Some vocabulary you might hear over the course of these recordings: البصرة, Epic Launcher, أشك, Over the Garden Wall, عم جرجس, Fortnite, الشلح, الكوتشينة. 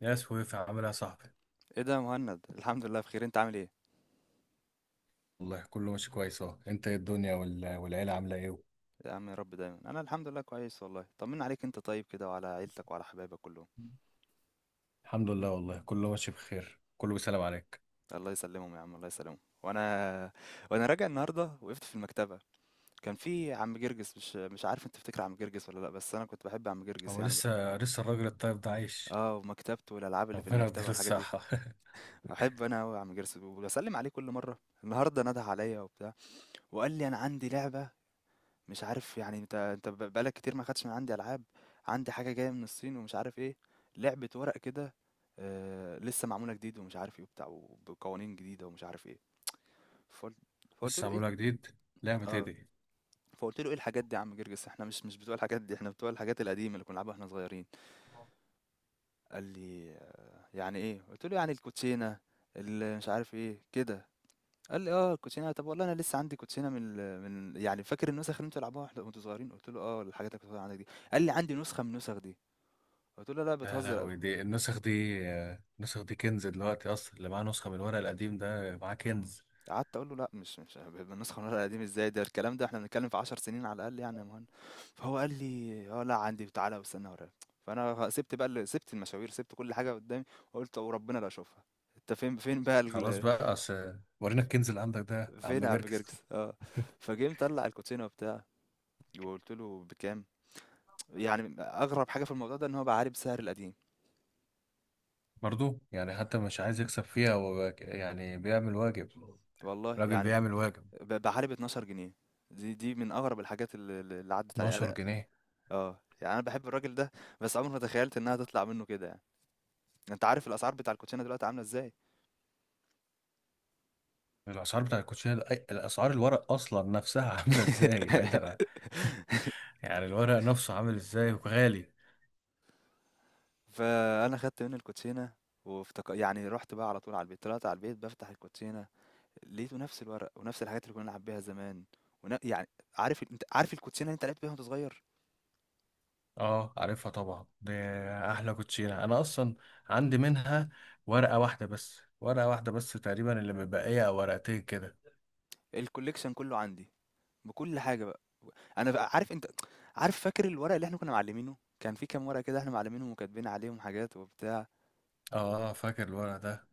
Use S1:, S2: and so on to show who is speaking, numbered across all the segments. S1: يا سويفي، عامل ايه يا صاحبي؟
S2: ايه ده يا مهند؟ الحمد لله بخير، انت عامل ايه؟
S1: والله كله ماشي كويس اهو. انت ايه الدنيا والعيلة عاملة ايه؟
S2: يا عم يا رب دايما، انا الحمد لله كويس، والله طمنا عليك، انت طيب كده وعلى عيلتك وعلى حبايبك كلهم؟
S1: الحمد لله، والله كله ماشي بخير، كله بيسلم عليك.
S2: الله يسلمهم يا عم، الله يسلمهم. وانا راجع النهارده وقفت في المكتبه، كان في عم جرجس. مش عارف انت تفتكر عم جرجس ولا لا، بس انا كنت بحب عم جرجس
S1: هو
S2: يعني بقى.
S1: لسه الراجل الطيب ده عايش؟
S2: اه، ومكتبته والالعاب اللي في
S1: ربنا
S2: المكتبه
S1: يديله
S2: والحاجات دي.
S1: الصحة.
S2: بحب انا قوي عم جرجس وبسلم عليه كل مره. النهارده نده عليا وبتاع وقال لي انا عندي لعبه، مش عارف يعني. انت بقالك كتير ما خدتش من عندي العاب. عندي حاجه جايه من الصين ومش عارف ايه، لعبه ورق كده، آه لسه معموله جديد ومش عارف ايه وبتاع، وبقوانين جديده ومش عارف ايه. فقلت فقلت
S1: لسه
S2: له ايه
S1: عاملها جديد؟ لعبة
S2: ال-
S1: ايه
S2: اه
S1: دي؟
S2: فقلت له ايه الحاجات دي يا عم جرجس؟ احنا مش بتوع الحاجات دي، احنا بتوع الحاجات القديمه اللي كنا بنلعبها واحنا صغيرين. قال لي آه يعني ايه؟ قلت له يعني الكوتشينه اللي مش عارف ايه كده. قال لي اه الكوتشينه، طب والله انا لسه عندي كوتشينه من يعني، فاكر النسخ اللي انتوا بتلعبوها وانتوا صغيرين؟ قلت له اه الحاجات اللي كنت بتقول عندك دي. قال لي عندي نسخه من النسخ دي. قلت له لا
S1: لا لا،
S2: بتهزر.
S1: هو دي النسخ دي. النسخ دي كنز دلوقتي، اصلا اللي معاه نسخة من الورق القديم ده معاه كنز.
S2: قعدت اقول له لا، مش النسخه من الورق القديم، ازاي ده الكلام ده؟ احنا بنتكلم في 10 سنين على الاقل يعني يا مهند. فهو قال لي اه لا عندي، تعالى واستنى وراك. فانا سبت بقى سبت المشاوير، سبت كل حاجه قدامي، وقلت وربنا لا اشوفها. انت فين بقى
S1: خلاص بقى، اصل ورينا الكنز اللي عندك ده يا
S2: فين
S1: عم
S2: يا عم
S1: جركس.
S2: جرجس؟ اه، فجه مطلع الكوتشينه وبتاع. وقلت له بكام؟ يعني أغرب حاجة في الموضوع ده إن هو باع عليه بسعر القديم،
S1: برضو يعني حتى مش عايز يكسب فيها، يعني بيعمل واجب.
S2: والله
S1: راجل
S2: يعني.
S1: بيعمل واجب.
S2: باع عليه ب12 جنيه. دي من أغرب الحاجات ال اللي عدّت عليّا
S1: 12
S2: أنا.
S1: جنيه
S2: آه، يعني أنا باحب الراجل ده، بس عمري ما تخيّلت إنها تطلع منّه كده يعني. أنت عارف الأسعار بتاع الكوتشينة دلوقتي عاملة إزاي.
S1: الاسعار بتاع الاسعار الورق اصلا نفسها عامله ازاي، بعيدا عن. يعني الورق نفسه عامل ازاي، وغالي.
S2: فأنا خدت منّه الكوتشينة يعني، رُحت بقى على طول على البيت، طلعت على البيت بافتح الكوتشينة، لقيته نفس الورق ونفس الحاجات اللي كنا بنلعب بيها زمان، يعني، أنت عارف الكوتشينة اللي أنت لعبت بيها وأنت صغير؟
S1: اه، عارفها طبعا دي. احلى كوتشينه، انا اصلا عندي منها ورقه واحده بس تقريبا اللي مبقيه او ورقتين كده.
S2: الcollection كلّه عندي، بكل حاجة بقى. انا بقى عارف انت عارف، فاكر الورق اللي احنا كنا معلمينه، كان في كام ورقة كده احنا معلمينهم وكاتبين عليهم حاجات وبتاع؟
S1: اه فاكر الورق ده.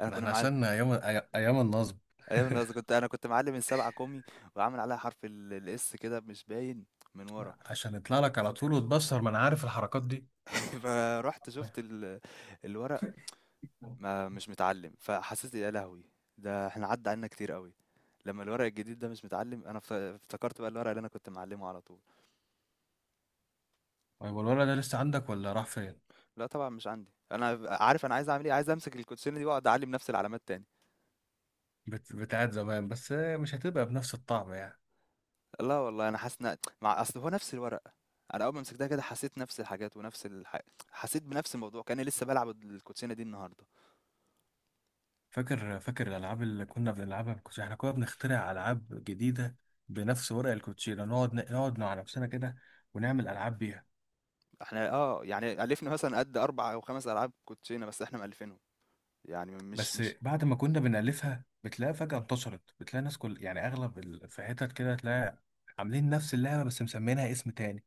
S2: انا
S1: ده
S2: كنا
S1: احنا
S2: معلم
S1: عشان ايام النصب.
S2: ايوه، انا كنت انا كنت معلم السبعة كومي وعامل عليها حرف الاس كده مش باين من ورا.
S1: عشان يطلع لك على طول وتبصر، ما انا عارف الحركات دي.
S2: فرحت شفت الورق ما مش متعلم، فحسيت يا لهوي، ده احنا عدى عنا كتير قوي. لما الورق الجديد ده مش متعلم، انا افتكرت بقى الورق اللي انا كنت معلمه على طول.
S1: طيب الورق ده لسه عندك ولا راح فين؟
S2: لا طبعا مش عندي، انا عارف انا عايز اعمل ايه، عايز امسك الكوتشينه دي واقعد اعلم نفس العلامات تاني.
S1: بتاعت زمان، بس مش هتبقى بنفس الطعم يعني.
S2: لا والله أنا حاسس إن مع أصل هو نفس الورقة. أنا أول ما مسكتها كده حسيت نفس الحاجات ونفس الح حسيت بنفس الموضوع، كأني لسه بالعب الكوتشينة دي النهارده.
S1: فاكر الالعاب اللي كنا بنلعبها بالكوتشينه؟ احنا كنا بنخترع العاب جديده بنفس ورق الكوتشينه، نقعد مع نفسنا كده ونعمل العاب بيها.
S2: إحنا آه، يعني ألِفنا مثلًا قد 4 أو 5 ألعاب كوتشينة بس إحنا مألِفينهم، يعني مش
S1: بس
S2: مش
S1: بعد ما كنا بنالفها بتلاقي فجاه انتشرت، بتلاقي ناس كل يعني في حتت كده تلاقي عاملين نفس اللعبه بس مسمينها اسم تاني.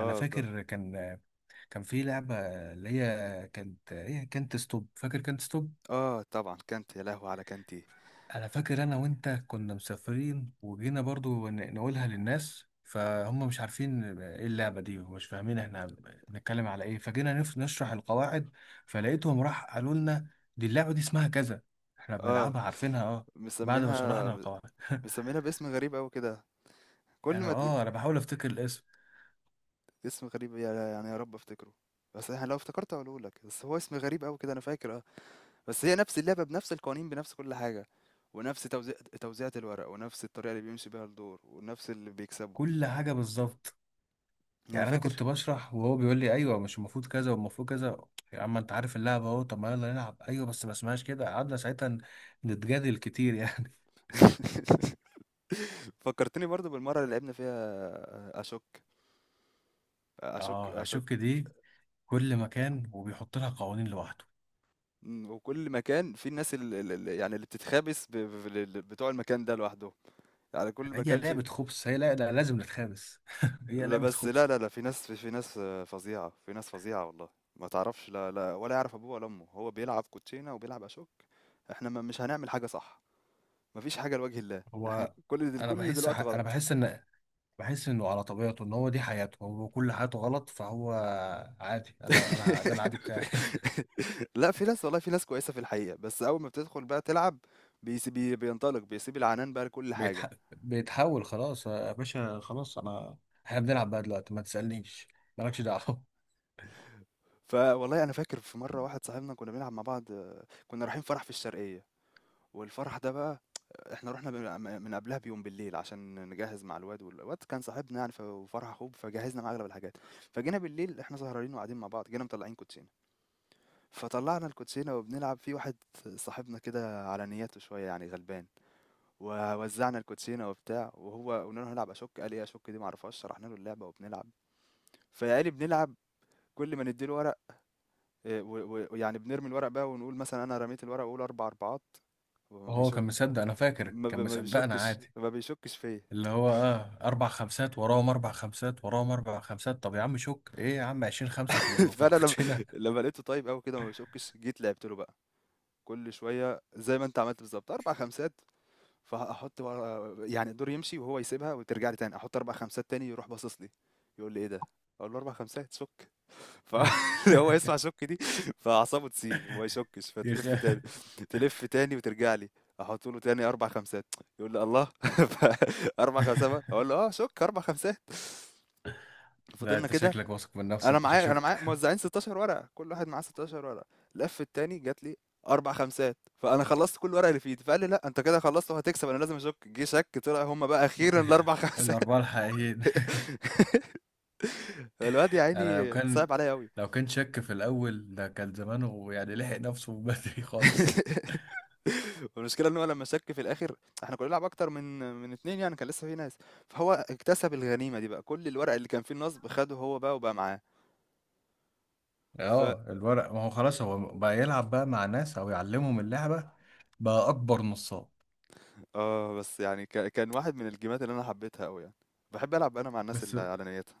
S1: انا
S2: آه ده
S1: فاكر، كان في لعبه اللي هي كانت ستوب، فاكر كانت ستوب؟
S2: آه طبعًا كانتي، يا لهوي على كانتي!
S1: انا فاكر انا وانت كنا مسافرين وجينا برضو نقولها للناس، فهم مش عارفين ايه اللعبة دي ومش فاهمين احنا بنتكلم على ايه، فجينا نشرح القواعد. فلقيتهم راح قالوا لنا: دي اللعبة دي اسمها كذا، احنا
S2: آه،
S1: بنلعبها عارفينها، اه. بعد ما
S2: مسميينها
S1: شرحنا القواعد.
S2: مسميينها باسم غريب أوي كده، كل
S1: يعني
S2: ما ت
S1: اه، انا بحاول افتكر الاسم.
S2: اسم غريب، يعني، يا رب أفتكره. بس أنا لو افتكرت هاقوله لك، بس هو اسم غريب أوي كده أنا فاكر. بس هي نفس اللعبة بنفس القوانين بنفس كل حاجة، ونفس توزيعة الورق، ونفس الطريقة اللي بيمشي بيها الدور ونفس اللي بيكسبه.
S1: كل حاجة بالظبط.
S2: انا
S1: يعني انا
S2: فاكر.
S1: كنت بشرح وهو بيقول لي: ايوه مش المفروض كذا والمفروض كذا. يا عم انت عارف اللعبة اهو، طب ما يلا نلعب، ايوه بس ما اسمهاش كده. قعدنا ساعتها نتجادل كتير يعني.
S2: فكرتني برضو بالمرة اللي لعبنا فيها اشك، اشك،
S1: اه،
S2: اشك.
S1: اشك دي. كل مكان وبيحط لها قوانين لوحده.
S2: مم، وكل مكان في الناس اللي بتتخابس بتوع المكان ده لوحدهم، يعني كل
S1: هي
S2: مكان في.
S1: لعبة خبص، هي لا لا لازم نتخابس. هي
S2: لا
S1: لعبة
S2: بس، لا
S1: خبص.
S2: لا لا، في ناس في ناس آه، فظيعة، في ناس فظيعة والله. ما تعرفش، لا لا، ولا يعرف ابوه ولا امه، هو بيلعب كوتشينة وبيلعب اشك. احنا ما مش هنعمل حاجة صح؟ ما فيش حاجة لوجه الله. إحنا
S1: هو،
S2: كل دل كل دلوقتي
S1: انا
S2: غلط.
S1: بحس ان بحس انه على طبيعته ان هو دي حياته، هو كل حياته غلط، فهو عادي. انا ده العادي بتاعي.
S2: لأ، في ناس والله، في ناس كويسة في الحقيقة، بس أول ما بتدخل بقى تلعب بيس بي بينطلق، بيسيب العنان بقى لكل حاجة.
S1: بيتحول خلاص، آه، يا باشا خلاص، انا احنا بنلعب بقى دلوقتي، ما تسألنيش، مالكش دعوة.
S2: فوالله أنا فاكر في مرة واحد صاحبنا كنا بنلعب مع بعض، آه، كنا رايحين فرح في الشرقية، والفرح ده بقى إحنا رُحنا من قبلها بيوم بالليل عشان نجهّز مع الواد، الواد كان صاحبنا يعني، وفرح أخوه، فجهّزنا معاه أغلب الحاجات. فجينا بالليل إحنا سهرانين وقاعدين مع بعض، جينا مطلّعين كوتشينة. فطلعنا الكوتشينة وبنلعب في واحد صاحبنا كده على نياته شوية، يعني غلبان. ووزعنا الكوتشينة وبتاع، وهو قلنا له هنلعب أشك، قال إيه أشك دي معرفهاش؟ شرحنا له اللعبة وبنلعب. فقال بنلعب، كل ما نديله ورق إيه، ويعني بنرمي الورق بقى، ونقول مثلا أنا رميت الورق وأقول أربع أربعات، وما
S1: وهو كان
S2: بيشك،
S1: مصدق، انا فاكر كان
S2: ما
S1: مصدقنا
S2: بيشكش
S1: عادي.
S2: ما بيشكش فيا.
S1: اللي هو اه اربع خمسات وراهم اربع خمسات وراهم اربع خمسات، طب يا عم شك ايه يا عم، 20 خمسة في
S2: فانا لما
S1: الكوتشينة.
S2: لما لقيته طيب قوي كده ما بيشكش، جيت لعبت له بقى كل شويه زي ما انت عملت بالظبط اربع خمسات. فأحط بقى يعني الدور يمشي وهو يسيبها وترجع لي تاني، أحط 4 خمسات تاني، يروح باصص لي، يقول لي: "إيه ده؟" أقول له: "4 خمسات شُك." ف هو يسمع شُك دي، فأعصابه تسيب وما يشُكش،
S1: يخ...
S2: فتلِف تاني، تلِف تاني وترجع لي، أحط له تاني 4 خمسات، يقول لي: "الله! ف 4 خمسات بقى؟" أقول له: "آه شُك 4 خمسات."
S1: لا
S2: فضلنا
S1: انت
S2: كده.
S1: شكلك واثق من
S2: أنا
S1: نفسك مش
S2: معايا أنا
S1: هشك.
S2: معايا موزعين 16 ورقة، كل واحد معاه 16 ورقة. لف التاني جات لي 4 خمسات، فأنا خلصت كل الورق اللي في إيدي، فقال لي لأ أنت كده خلصت وهتكسب، أنا لازم أشك. جه شك، طلع هُم بقى أخيرًا ال4 خمسات.
S1: الاربعة الحقيقيين.
S2: الواد يا
S1: انا لو
S2: عيني
S1: كان
S2: صعب عليَّ أوي.
S1: لو كان شك في الاول ده كان زمانه يعني لحق نفسه من بدري خالص.
S2: والمشكلة إن هو لمّا شك في الآخر، إحنا كنا بنلعب أكتر من 2، يعني كان لسه في ناس، فهو اكتسب الغنيمة دي بقى، كل الورق اللي كان فيه النصب خده هو بقى وبقى معاه. ف
S1: اه، الورق ما هو خلاص، هو بقى يلعب بقى مع ناس او يعلمهم اللعبة، بقى اكبر نصاب.
S2: آه، بس يعني كان واحد من الجيمات اللي أنا حبيتها أوي يعني، باحب ألعب أنا مع الناس
S1: بس
S2: اللي على نيّتها.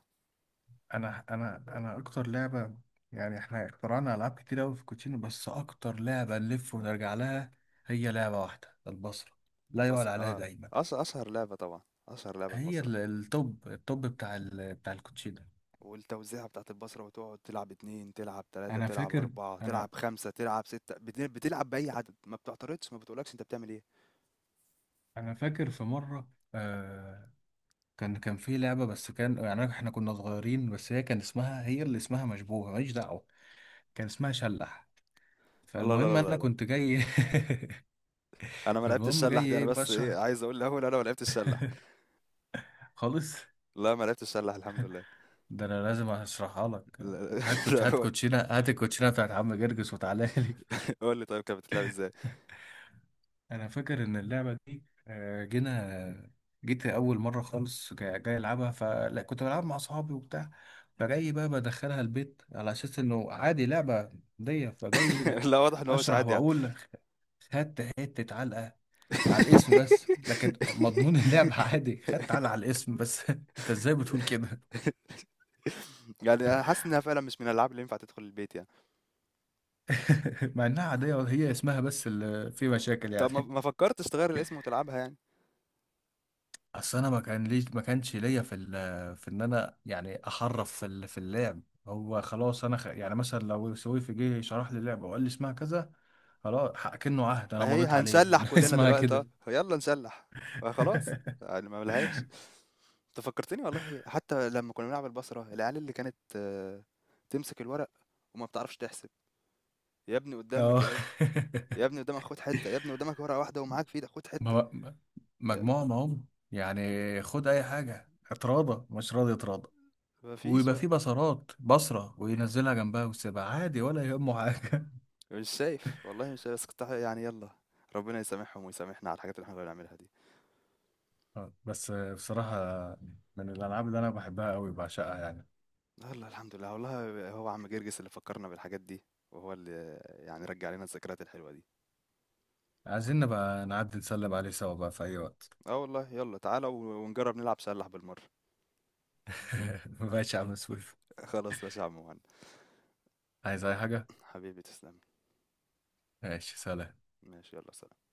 S1: انا اكتر لعبه، يعني احنا اخترعنا العاب كتير قوي في كوتشينو، بس اكتر لعبه نلف ونرجع لها هي لعبه واحده، البصره لا يعلى
S2: البصرة
S1: عليها
S2: اه،
S1: دايما.
S2: أشهر لعبة طبعا، أشهر لعبة
S1: هي
S2: البصرة،
S1: التوب بتاع الكوتشينو.
S2: والتوزيعة بتاعت البصرة، وتقعد تلعب اتنين، تلعب تلاتة،
S1: انا
S2: تلعب
S1: فاكر،
S2: أربعة، تلعب
S1: انا
S2: خمسة، تلعب ستة، بتلعب بأي عدد، ما بتعترضش ما بتقولكش أنت بتعمل إيه.
S1: انا فاكر في مره، آه، كان في لعبه، بس كان يعني احنا كنا صغيرين، بس هي كان اسمها، هي اللي اسمها مشبوهه ماليش دعوه، كان اسمها شلح.
S2: الله، لا لا
S1: فالمهم انا
S2: لا لا،
S1: كنت جاي.
S2: أنا ما لعبتش
S1: فالمهم
S2: الشلح
S1: جاي
S2: دي. أنا
S1: ايه
S2: بس إيه،
S1: بشرح،
S2: عايز أقول الأول أنا ما لعبتش الشلح.
S1: خالص.
S2: لا، ما لعبتش الشلح الحمد لله.
S1: ده انا لازم اشرحها لك.
S2: لا لا، لا،
S1: هات
S2: قول،
S1: كوتشينه، هات الكوتشينه بتاعت عم جرجس وتعالى لي.
S2: قول لي طيب كانت بتتلعب إزاي.
S1: انا فاكر ان اللعبه دي آه، جينا، جيت اول مره خالص، جاي العبها فلا، كنت بلعب مع اصحابي وبتاع. فجاي بقى بدخلها البيت على اساس انه عادي لعبه دي، فجاي
S2: لا واضح إن هو مش
S1: اشرح
S2: عادي يعني.
S1: واقول. خدت حته علقه على الاسم، بس لكن مضمون اللعبه عادي، خدت علقه على الاسم بس. انت ازاي بتقول كده؟
S2: يعني أنا حاسس إنها فعلا مش من الألعاب اللي ينفع تدخل البيت يعني.
S1: مع انها عاديه، هي اسمها بس اللي فيه مشاكل
S2: طب ما
S1: يعني.
S2: ما فكرتش تغير الاسم وتلعبها يعني.
S1: اصل انا ما كان ليش ما كانش ليا في ان انا يعني احرف في اللعب. هو خلاص، يعني مثلا لو سويفي جه شرح لي اللعبه وقال لي اسمها كذا، خلاص، كأنه عهد انا
S2: أهي
S1: مضيت عليه
S2: هنسلّح
S1: إنه
S2: كلّنا
S1: اسمها
S2: دلوقتي أهو،
S1: كده.
S2: يالّا نسلّح، فخلاص يعني ما لهاش. أنت فكّرتني والله حتى لمّا كنّا بنلعب البصرة، العيال اللي كانت آه، تمسك الورق وما بتعرفش تحسب، يا ابني قدّامك
S1: اه.
S2: أهي، يا ابني قدّامك خُد حتّة، يا ابني قدّامك ورقة واحدة ومعاك في إيدك خُد حتّة،
S1: ما- ما-
S2: د
S1: مجموعه معهم. يعني خد اي حاجه، اتراضى مش راضي اتراضى.
S2: ما فيش
S1: ويبقى في
S2: بقى،
S1: بصرات، بصرة وينزلها جنبها ويسيبها عادي ولا يهمه حاجة.
S2: مش شايف، والله مش شايف، بس كنت يعني يالّا، ربنا يسامحهم ويسامحنا على الحاجات اللي إحنا كنّا بنعملها دي.
S1: آه، بس آه، بصراحة من الألعاب اللي أنا بحبها أوي، بعشقها يعني.
S2: يالّا الحمد لله، والله هو عم جرجس اللي فكّرنا بالحاجات دي، وهو اللي يعني رجّع لنا الذكريات الحلوة دي.
S1: عايزين نبقى نعدي نسلم عليه سوا بقى في أي وقت.
S2: اه والله يلا تعالى ونجرب نلعب سلاح بالمرة.
S1: ماشي يا عم سويف.
S2: خلاص ماشي يا عم مهند،
S1: عايز أي حاجة؟
S2: حبيبي تسلم،
S1: ماشي، سلام.
S2: ماشي يلا سلام.